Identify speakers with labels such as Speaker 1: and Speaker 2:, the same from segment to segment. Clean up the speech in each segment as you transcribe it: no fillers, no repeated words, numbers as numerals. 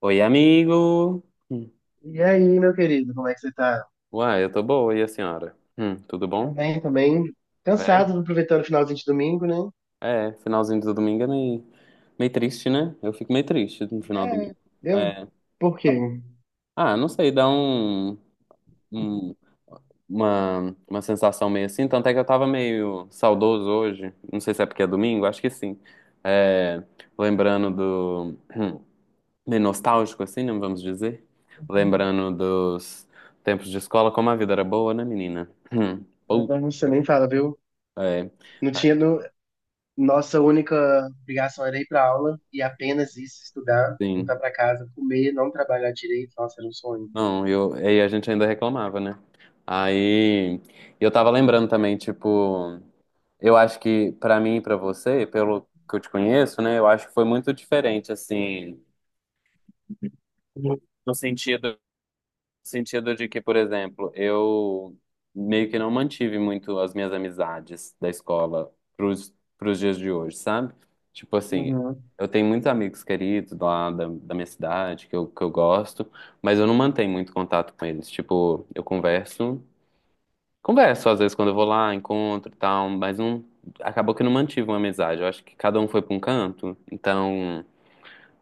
Speaker 1: Oi, amigo. Hum.
Speaker 2: E aí, meu querido, como é que você tá?
Speaker 1: Uai, eu tô boa, e a senhora? Tudo
Speaker 2: Tô
Speaker 1: bom?
Speaker 2: bem, tô bem.
Speaker 1: É?
Speaker 2: Cansado, aproveitando o finalzinho de domingo, né?
Speaker 1: É, finalzinho do domingo é meio triste, né? Eu fico meio triste no final do
Speaker 2: É,
Speaker 1: domingo.
Speaker 2: eu...
Speaker 1: É.
Speaker 2: Por quê?
Speaker 1: Ah, não sei, dá um- uma sensação meio assim, tanto é que eu tava meio saudoso hoje, não sei se é porque é domingo, acho que sim. É, lembrando do, hum, meio nostálgico assim, né, vamos dizer? Lembrando dos tempos de escola, como a vida era boa, né, menina? Hum. Putz,
Speaker 2: Você nem fala, viu?
Speaker 1: é.
Speaker 2: Não tinha... No... Nossa única obrigação era ir pra aula e apenas isso, estudar, voltar
Speaker 1: Sim.
Speaker 2: pra casa, comer, não trabalhar direito. Nossa, era um sonho.
Speaker 1: Não, aí a gente ainda reclamava, né? Aí eu tava lembrando também, tipo, eu acho que pra mim e pra você, pelo que eu te conheço, né, eu acho que foi muito diferente, assim, no sentido de que, por exemplo, eu meio que não mantive muito as minhas amizades da escola pros dias de hoje, sabe? Tipo assim,
Speaker 2: Uhum.
Speaker 1: eu tenho muitos amigos queridos lá da minha cidade que eu gosto, mas eu não mantenho muito contato com eles. Tipo, eu converso às vezes quando eu vou lá, encontro e tal, mas não, acabou que eu não mantive uma amizade. Eu acho que cada um foi pra um canto, então.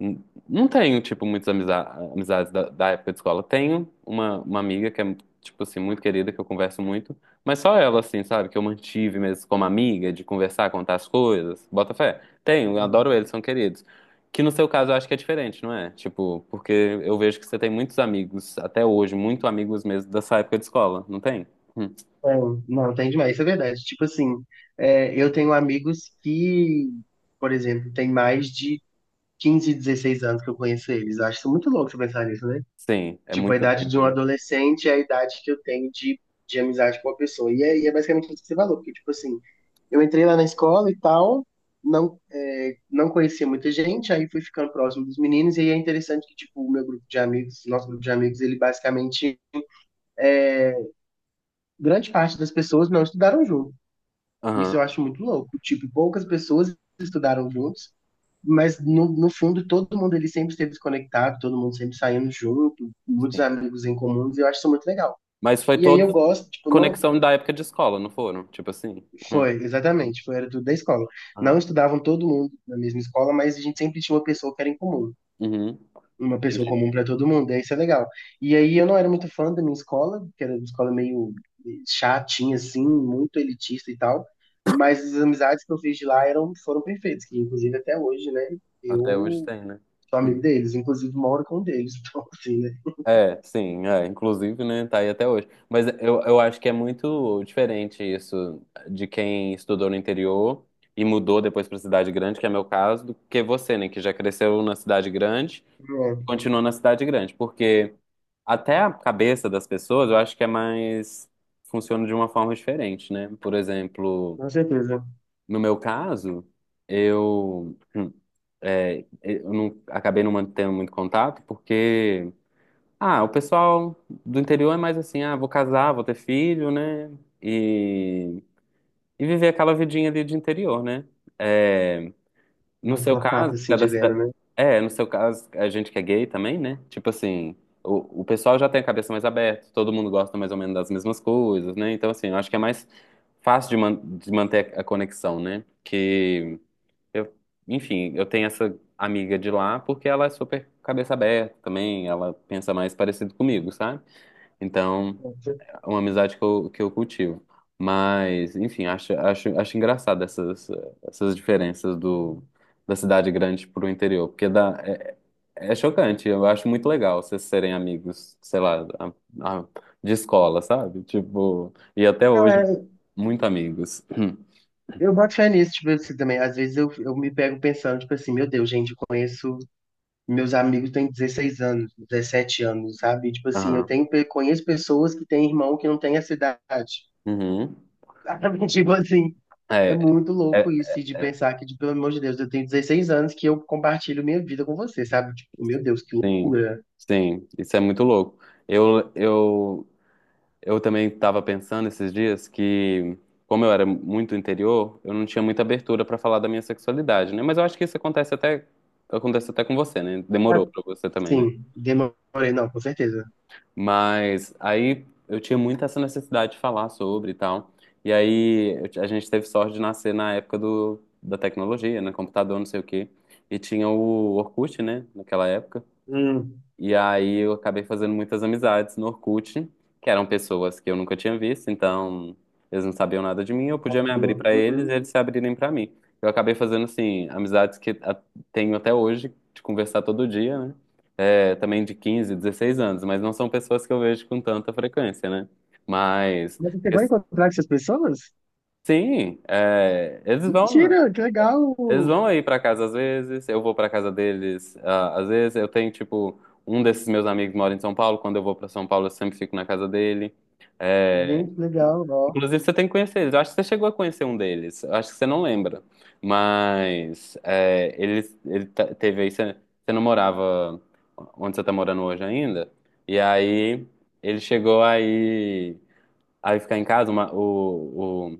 Speaker 1: N- Não tenho, tipo, muitas amizades da época de escola. Tenho uma amiga que é, tipo assim, muito querida, que eu converso muito, mas só ela, assim, sabe, que eu mantive mesmo como amiga, de conversar, contar as coisas, bota fé. Tenho, eu
Speaker 2: Uhum.
Speaker 1: adoro eles, são queridos. Que no seu caso eu acho que é diferente, não é? Tipo, porque eu vejo que você tem muitos amigos, até hoje, muito amigos mesmo dessa época de escola, não tem? Hum.
Speaker 2: É, não, tem demais, isso é verdade. Tipo assim, é, eu tenho amigos que, por exemplo, tem mais de 15, 16 anos que eu conheço eles. Eu acho isso muito louco você pensar nisso, né?
Speaker 1: Sim, é
Speaker 2: Tipo, a
Speaker 1: muito
Speaker 2: idade de
Speaker 1: tempo,
Speaker 2: um
Speaker 1: né?
Speaker 2: adolescente é a idade que eu tenho de, amizade com a pessoa. E aí é basicamente isso que você falou, porque, tipo assim, eu entrei lá na escola e tal, não, é, não conhecia muita gente, aí fui ficando próximo dos meninos, e aí é interessante que, tipo, o meu grupo de amigos, nosso grupo de amigos, ele basicamente, grande parte das pessoas não estudaram junto.
Speaker 1: Aham,
Speaker 2: Isso eu acho muito louco. Tipo, poucas pessoas estudaram juntos, mas no fundo todo mundo ele sempre esteve conectado, todo mundo sempre saindo junto, muitos
Speaker 1: sim.
Speaker 2: amigos em comuns, e eu acho isso muito legal.
Speaker 1: Mas foi
Speaker 2: E aí eu
Speaker 1: toda
Speaker 2: gosto, tipo, não.
Speaker 1: conexão da época de escola, não foram? Tipo assim? Hum.
Speaker 2: Foi, exatamente, foi, era tudo da escola.
Speaker 1: Aham.
Speaker 2: Não estudavam todo mundo na mesma escola, mas a gente sempre tinha uma pessoa que era em comum.
Speaker 1: Uhum,
Speaker 2: Uma pessoa
Speaker 1: entendi.
Speaker 2: comum para todo mundo, e isso é legal. E aí eu não era muito fã da minha escola, que era uma escola meio chatinha, assim, muito elitista e tal. Mas as amizades que eu fiz de lá eram, foram perfeitas, que inclusive até hoje, né?
Speaker 1: Até hoje
Speaker 2: Eu
Speaker 1: tem, né?
Speaker 2: sou amigo
Speaker 1: Hum.
Speaker 2: deles, inclusive moro com um deles, então assim, né?
Speaker 1: É, sim, é. Inclusive, né, tá aí até hoje. Mas eu acho que é muito diferente isso de quem estudou no interior e mudou depois pra cidade grande, que é meu caso, do que você, né, que já cresceu na cidade grande e
Speaker 2: É,
Speaker 1: continuou na cidade grande. Porque até a cabeça das pessoas, eu acho que é mais, funciona de uma forma diferente, né? Por exemplo,
Speaker 2: com certeza.
Speaker 1: no meu caso, eu... hum, é, eu não, acabei não mantendo muito contato, porque, ah, o pessoal do interior é mais assim, ah, vou casar, vou ter filho, né? E, e viver aquela vidinha ali de interior, né? É, no
Speaker 2: Mais
Speaker 1: seu
Speaker 2: uma parte
Speaker 1: caso, que
Speaker 2: assim
Speaker 1: é da
Speaker 2: dizendo,
Speaker 1: cidade-
Speaker 2: né?
Speaker 1: é, no seu caso, a gente que é gay também, né? Tipo assim, o pessoal já tem a cabeça mais aberta, todo mundo gosta mais ou menos das mesmas coisas, né? Então, assim, eu acho que é mais fácil de manter a conexão, né? Que eu, enfim, eu tenho essa amiga de lá porque ela é super cabeça aberta também, ela pensa mais parecido comigo, sabe? Então, é uma amizade que eu cultivo. Mas, enfim, acho engraçado essas diferenças do, da cidade grande pro interior, porque dá, é chocante, eu acho muito legal vocês serem amigos, sei lá, a- de escola, sabe? Tipo, e até
Speaker 2: Não,
Speaker 1: hoje,
Speaker 2: é.
Speaker 1: muito amigos.
Speaker 2: Eu boto fé nisso, tipo assim, também. Às vezes eu, me pego pensando, tipo assim, meu Deus, gente, eu conheço. Meus amigos têm 16 anos, 17 anos, sabe? Tipo assim, eu
Speaker 1: Aham.
Speaker 2: tenho, conheço pessoas que têm irmão que não tem essa idade.
Speaker 1: Uhum.
Speaker 2: Sabe? Tipo assim, é
Speaker 1: É.
Speaker 2: muito louco
Speaker 1: É,
Speaker 2: isso, e de pensar que, pelo amor de Deus, eu tenho 16 anos que eu compartilho minha vida com você, sabe? Tipo, meu Deus, que
Speaker 1: sim,
Speaker 2: loucura.
Speaker 1: sim, isso é muito louco. Eu, eu, eu também estava pensando esses dias que, como eu era muito interior, eu não tinha muita abertura para falar da minha sexualidade, né? Mas eu acho que isso acontece até com você, né? Demorou
Speaker 2: Ah,
Speaker 1: para você também, né?
Speaker 2: sim, demorei, não, com certeza.
Speaker 1: Mas aí eu tinha muito essa necessidade de falar sobre e tal. E aí a gente teve sorte de nascer na época do, da tecnologia, né? Computador, não sei o quê. E tinha o Orkut, né? Naquela época.
Speaker 2: Hum,
Speaker 1: E aí eu acabei fazendo muitas amizades no Orkut, que eram pessoas que eu nunca tinha visto, então eles não sabiam nada de mim, eu
Speaker 2: um
Speaker 1: podia me abrir
Speaker 2: pouquinho.
Speaker 1: pra eles
Speaker 2: Uhum.
Speaker 1: e eles se abrirem pra mim. Eu acabei fazendo, assim, amizades que tenho até hoje, de conversar todo dia, né? É, também de 15 16 anos, mas não são pessoas que eu vejo com tanta frequência, né? Mas,
Speaker 2: Mas você vai encontrar com essas pessoas?
Speaker 1: sim, é, eles vão.
Speaker 2: Mentira, que legal!
Speaker 1: Eles vão aí pra casa às vezes, eu vou pra casa deles ah, às vezes. Eu tenho, tipo, um desses meus amigos mora em São Paulo. Quando eu vou pra São Paulo, eu sempre fico na casa dele. É,
Speaker 2: Gente, que legal, ó.
Speaker 1: inclusive, você tem que conhecer eles. Eu acho que você chegou a conhecer um deles. Eu acho que você não lembra. Mas é, ele teve aí. Você não morava onde você tá morando hoje ainda. E aí ele chegou aí, aí ficar em casa. O,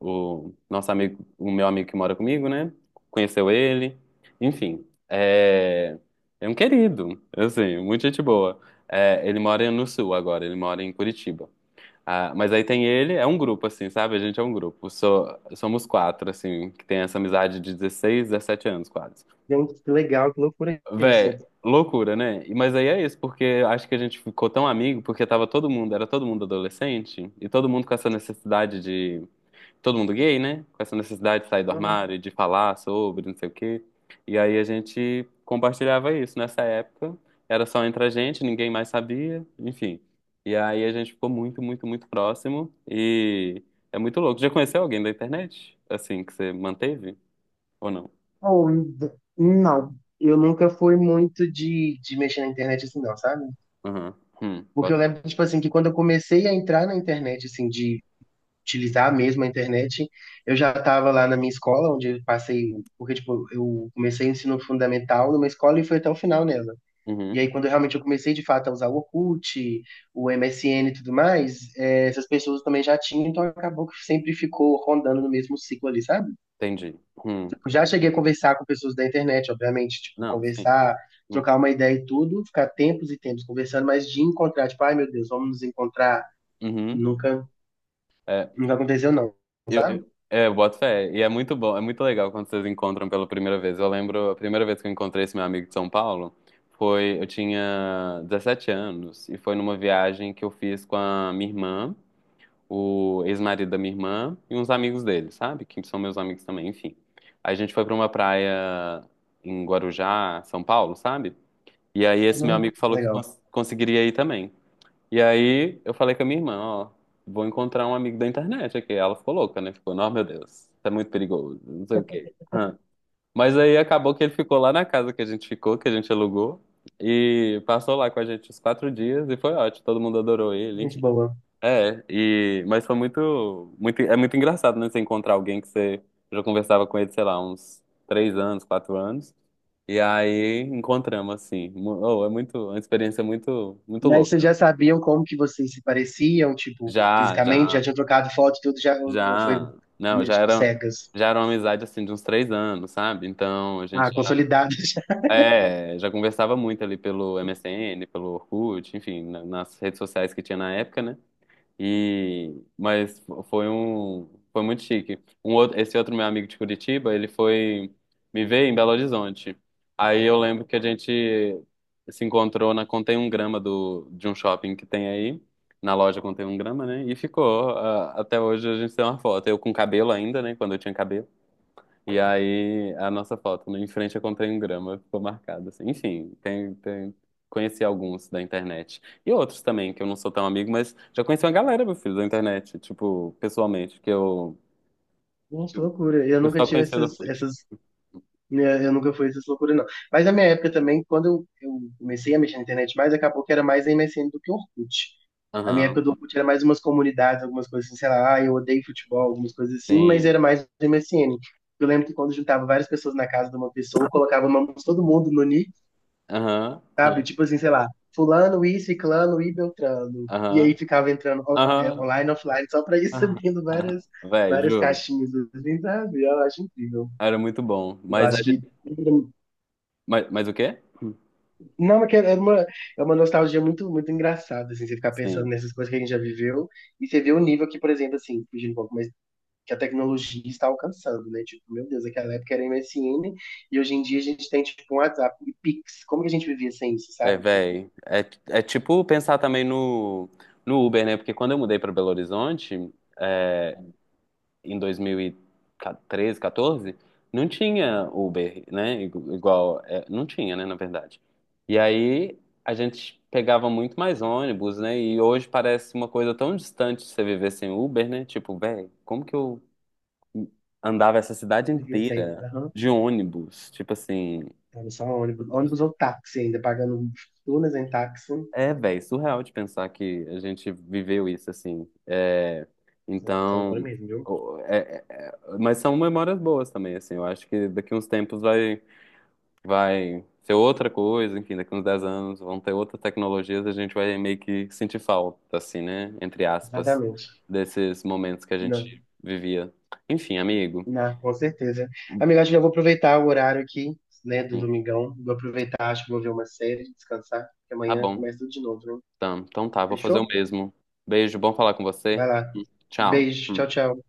Speaker 1: o nosso amigo, o meu amigo que mora comigo, né? Conheceu ele. Enfim, é um querido, assim, muita gente boa. É, ele mora no sul agora, ele mora em Curitiba. Ah, mas aí tem ele, é um grupo, assim, sabe? A gente é um grupo. Somos quatro, assim, que tem essa amizade de 16 17 anos, quase.
Speaker 2: Gente, que legal, que loucura é isso.
Speaker 1: Véi, loucura, né? Mas aí é isso, porque eu acho que a gente ficou tão amigo, porque tava todo mundo, era todo mundo adolescente, e todo mundo com essa necessidade todo mundo gay, né? Com essa necessidade de sair do
Speaker 2: Uhum.
Speaker 1: armário, de falar sobre, não sei o quê. E aí a gente compartilhava isso nessa época. Era só entre a gente, ninguém mais sabia, enfim. E aí a gente ficou muito, muito, muito próximo. E é muito louco. Já conheceu alguém da internet? Assim, que você manteve? Ou não?
Speaker 2: Oh, não. Eu nunca fui muito de mexer na internet assim, não, sabe?
Speaker 1: Uhum.
Speaker 2: Porque eu
Speaker 1: Bota fé.
Speaker 2: lembro, tipo assim, que quando eu comecei a entrar na internet, assim, de utilizar mesmo a internet, eu já tava lá na minha escola, onde eu passei, porque, tipo, eu comecei o ensino fundamental numa escola e fui até o final nela. E
Speaker 1: Uhum.
Speaker 2: aí, quando eu realmente eu comecei de fato a usar o Orkut, o MSN e tudo mais, essas pessoas também já tinham, então acabou que sempre ficou rondando no mesmo ciclo ali, sabe?
Speaker 1: Entendi. Hum.
Speaker 2: Eu já
Speaker 1: É.
Speaker 2: cheguei a conversar com pessoas da internet, obviamente, tipo,
Speaker 1: Não, sim.
Speaker 2: conversar,
Speaker 1: Hum.
Speaker 2: trocar uma ideia e tudo, ficar tempos e tempos conversando, mas de encontrar, tipo, ai meu Deus, vamos nos encontrar,
Speaker 1: Uhum.
Speaker 2: nunca,
Speaker 1: É,
Speaker 2: nunca aconteceu não,
Speaker 1: Eu,
Speaker 2: sabe?
Speaker 1: eu- é, eu boto fé. E é muito bom, é muito legal quando vocês encontram pela primeira vez. Eu lembro, a primeira vez que eu encontrei esse meu amigo de São Paulo foi, eu tinha 17 anos e foi numa viagem que eu fiz com a minha irmã, o ex-marido da minha irmã e uns amigos dele, sabe? Que são meus amigos também, enfim. A gente foi pra uma praia em Guarujá, São Paulo, sabe? E aí esse meu
Speaker 2: Uhum.
Speaker 1: amigo falou que
Speaker 2: Legal,
Speaker 1: conseguiria ir também. E aí eu falei com a minha irmã, ó, vou encontrar um amigo da internet aqui. Ela ficou louca, né? Ficou, não, meu Deus, isso é muito perigoso, não sei o quê. Hã. Mas aí acabou que ele ficou lá na casa que a gente ficou, que a gente alugou, e passou lá com a gente os 4 dias e foi ótimo, todo mundo adorou ele,
Speaker 2: gente
Speaker 1: enfim.
Speaker 2: boa.
Speaker 1: É, e, mas foi muito, muito, é muito engraçado, né? Você encontrar alguém que você já conversava com ele, sei lá, uns 3 anos, 4 anos. E aí encontramos, assim. Oh, é muito, uma experiência muito, muito
Speaker 2: Mas vocês
Speaker 1: louca.
Speaker 2: já sabiam como que vocês se pareciam, tipo,
Speaker 1: Já,
Speaker 2: fisicamente? Já
Speaker 1: já.
Speaker 2: tinham trocado foto e tudo, já, ou foi,
Speaker 1: Já, não, já
Speaker 2: tipo,
Speaker 1: era,
Speaker 2: cegas?
Speaker 1: já era uma amizade assim de uns 3 anos, sabe? Então a
Speaker 2: Ah,
Speaker 1: gente
Speaker 2: consolidado já.
Speaker 1: é, já conversava muito ali pelo MSN, pelo Orkut, enfim, nas redes sociais que tinha na época, né? E mas foi muito chique. Esse outro meu amigo de Curitiba, ele foi me ver em Belo Horizonte. Aí eu lembro que a gente se encontrou na Contém um Grama do de um shopping que tem aí, na loja Contém um Grama, né? E ficou ah, até hoje a gente tem uma foto. Eu com cabelo ainda, né? Quando eu tinha cabelo. E aí, a nossa foto, né, em frente eu comprei um grama, ficou marcado, assim. Enfim, conheci alguns da internet. E outros também, que eu não sou tão amigo, mas já conheci uma galera, meu filho, da internet, tipo, pessoalmente, que eu,
Speaker 2: Gente, loucura. Eu
Speaker 1: eu
Speaker 2: nunca
Speaker 1: só
Speaker 2: tive
Speaker 1: conhecia do
Speaker 2: essas,
Speaker 1: Orkut.
Speaker 2: essas, né, eu nunca fui essas loucuras, não. Mas na minha época também, quando eu comecei a mexer na internet mais, acabou que era mais MSN do que Orkut. A minha época
Speaker 1: Aham,
Speaker 2: do Orkut era mais umas comunidades, algumas coisas assim, sei lá, ah, eu odeio futebol, algumas coisas assim, mas
Speaker 1: sim.
Speaker 2: era mais MSN. Eu lembro que quando juntava várias pessoas na casa de uma pessoa, colocava o nome de todo mundo no nick.
Speaker 1: Aham,
Speaker 2: Sabe?
Speaker 1: aham,
Speaker 2: Tipo assim, sei lá, fulano, e ciclano e beltrano. E
Speaker 1: aham,
Speaker 2: aí ficava entrando
Speaker 1: aham,
Speaker 2: online, offline, só pra ir
Speaker 1: aham.
Speaker 2: subindo
Speaker 1: Aham.
Speaker 2: várias,
Speaker 1: Véi,
Speaker 2: várias
Speaker 1: juro.
Speaker 2: caixinhas, assim, sabe? Eu acho incrível.
Speaker 1: Era muito bom.
Speaker 2: Eu
Speaker 1: Mas a
Speaker 2: acho que.
Speaker 1: gente... Mas o quê?
Speaker 2: Não, mas que é uma nostalgia muito, muito engraçada, assim, você ficar pensando
Speaker 1: Sim.
Speaker 2: nessas coisas que a gente já viveu e você vê o nível que, por exemplo, assim, fugindo um pouco, mas que a tecnologia está alcançando, né? Tipo, meu Deus, aquela época era MSN e hoje em dia a gente tem, tipo, um WhatsApp e Pix. Como que a gente vivia sem isso,
Speaker 1: É,
Speaker 2: sabe? Tipo,
Speaker 1: véi. É tipo pensar também no Uber, né? Porque quando eu mudei para Belo Horizonte, é, em 2013, 14, não tinha Uber, né? Igual. É, não tinha, né? Na verdade. E aí a gente pegava muito mais ônibus, né? E hoje parece uma coisa tão distante de você viver sem Uber, né? Tipo, véi, como que eu andava essa cidade
Speaker 2: como que vivia sem?
Speaker 1: inteira de ônibus? Tipo assim.
Speaker 2: Era só ônibus. Ônibus ou táxi ainda, pagando fortunas em táxi.
Speaker 1: É, velho, surreal de pensar que a gente viveu isso, assim. É,
Speaker 2: Então, loucura
Speaker 1: então,
Speaker 2: mesmo, viu?
Speaker 1: mas são memórias boas também, assim. Eu acho que daqui uns tempos vai ser outra coisa, enfim, daqui uns 10 anos vão ter outras tecnologias, a gente vai meio que sentir falta, assim, né? Entre aspas,
Speaker 2: Exatamente.
Speaker 1: desses momentos que a
Speaker 2: Não,
Speaker 1: gente vivia. Enfim, amigo.
Speaker 2: não, com certeza. Amiga, acho que eu vou aproveitar o horário aqui, né, do
Speaker 1: Sim,
Speaker 2: domingão. Vou aproveitar, acho que vou ver uma série, descansar, porque
Speaker 1: tá
Speaker 2: amanhã
Speaker 1: bom.
Speaker 2: começa tudo de novo, né?
Speaker 1: Então tá, vou fazer o
Speaker 2: Fechou?
Speaker 1: mesmo. Beijo, bom falar com
Speaker 2: Vai
Speaker 1: você.
Speaker 2: lá.
Speaker 1: Tchau.
Speaker 2: Beijo, tchau, tchau.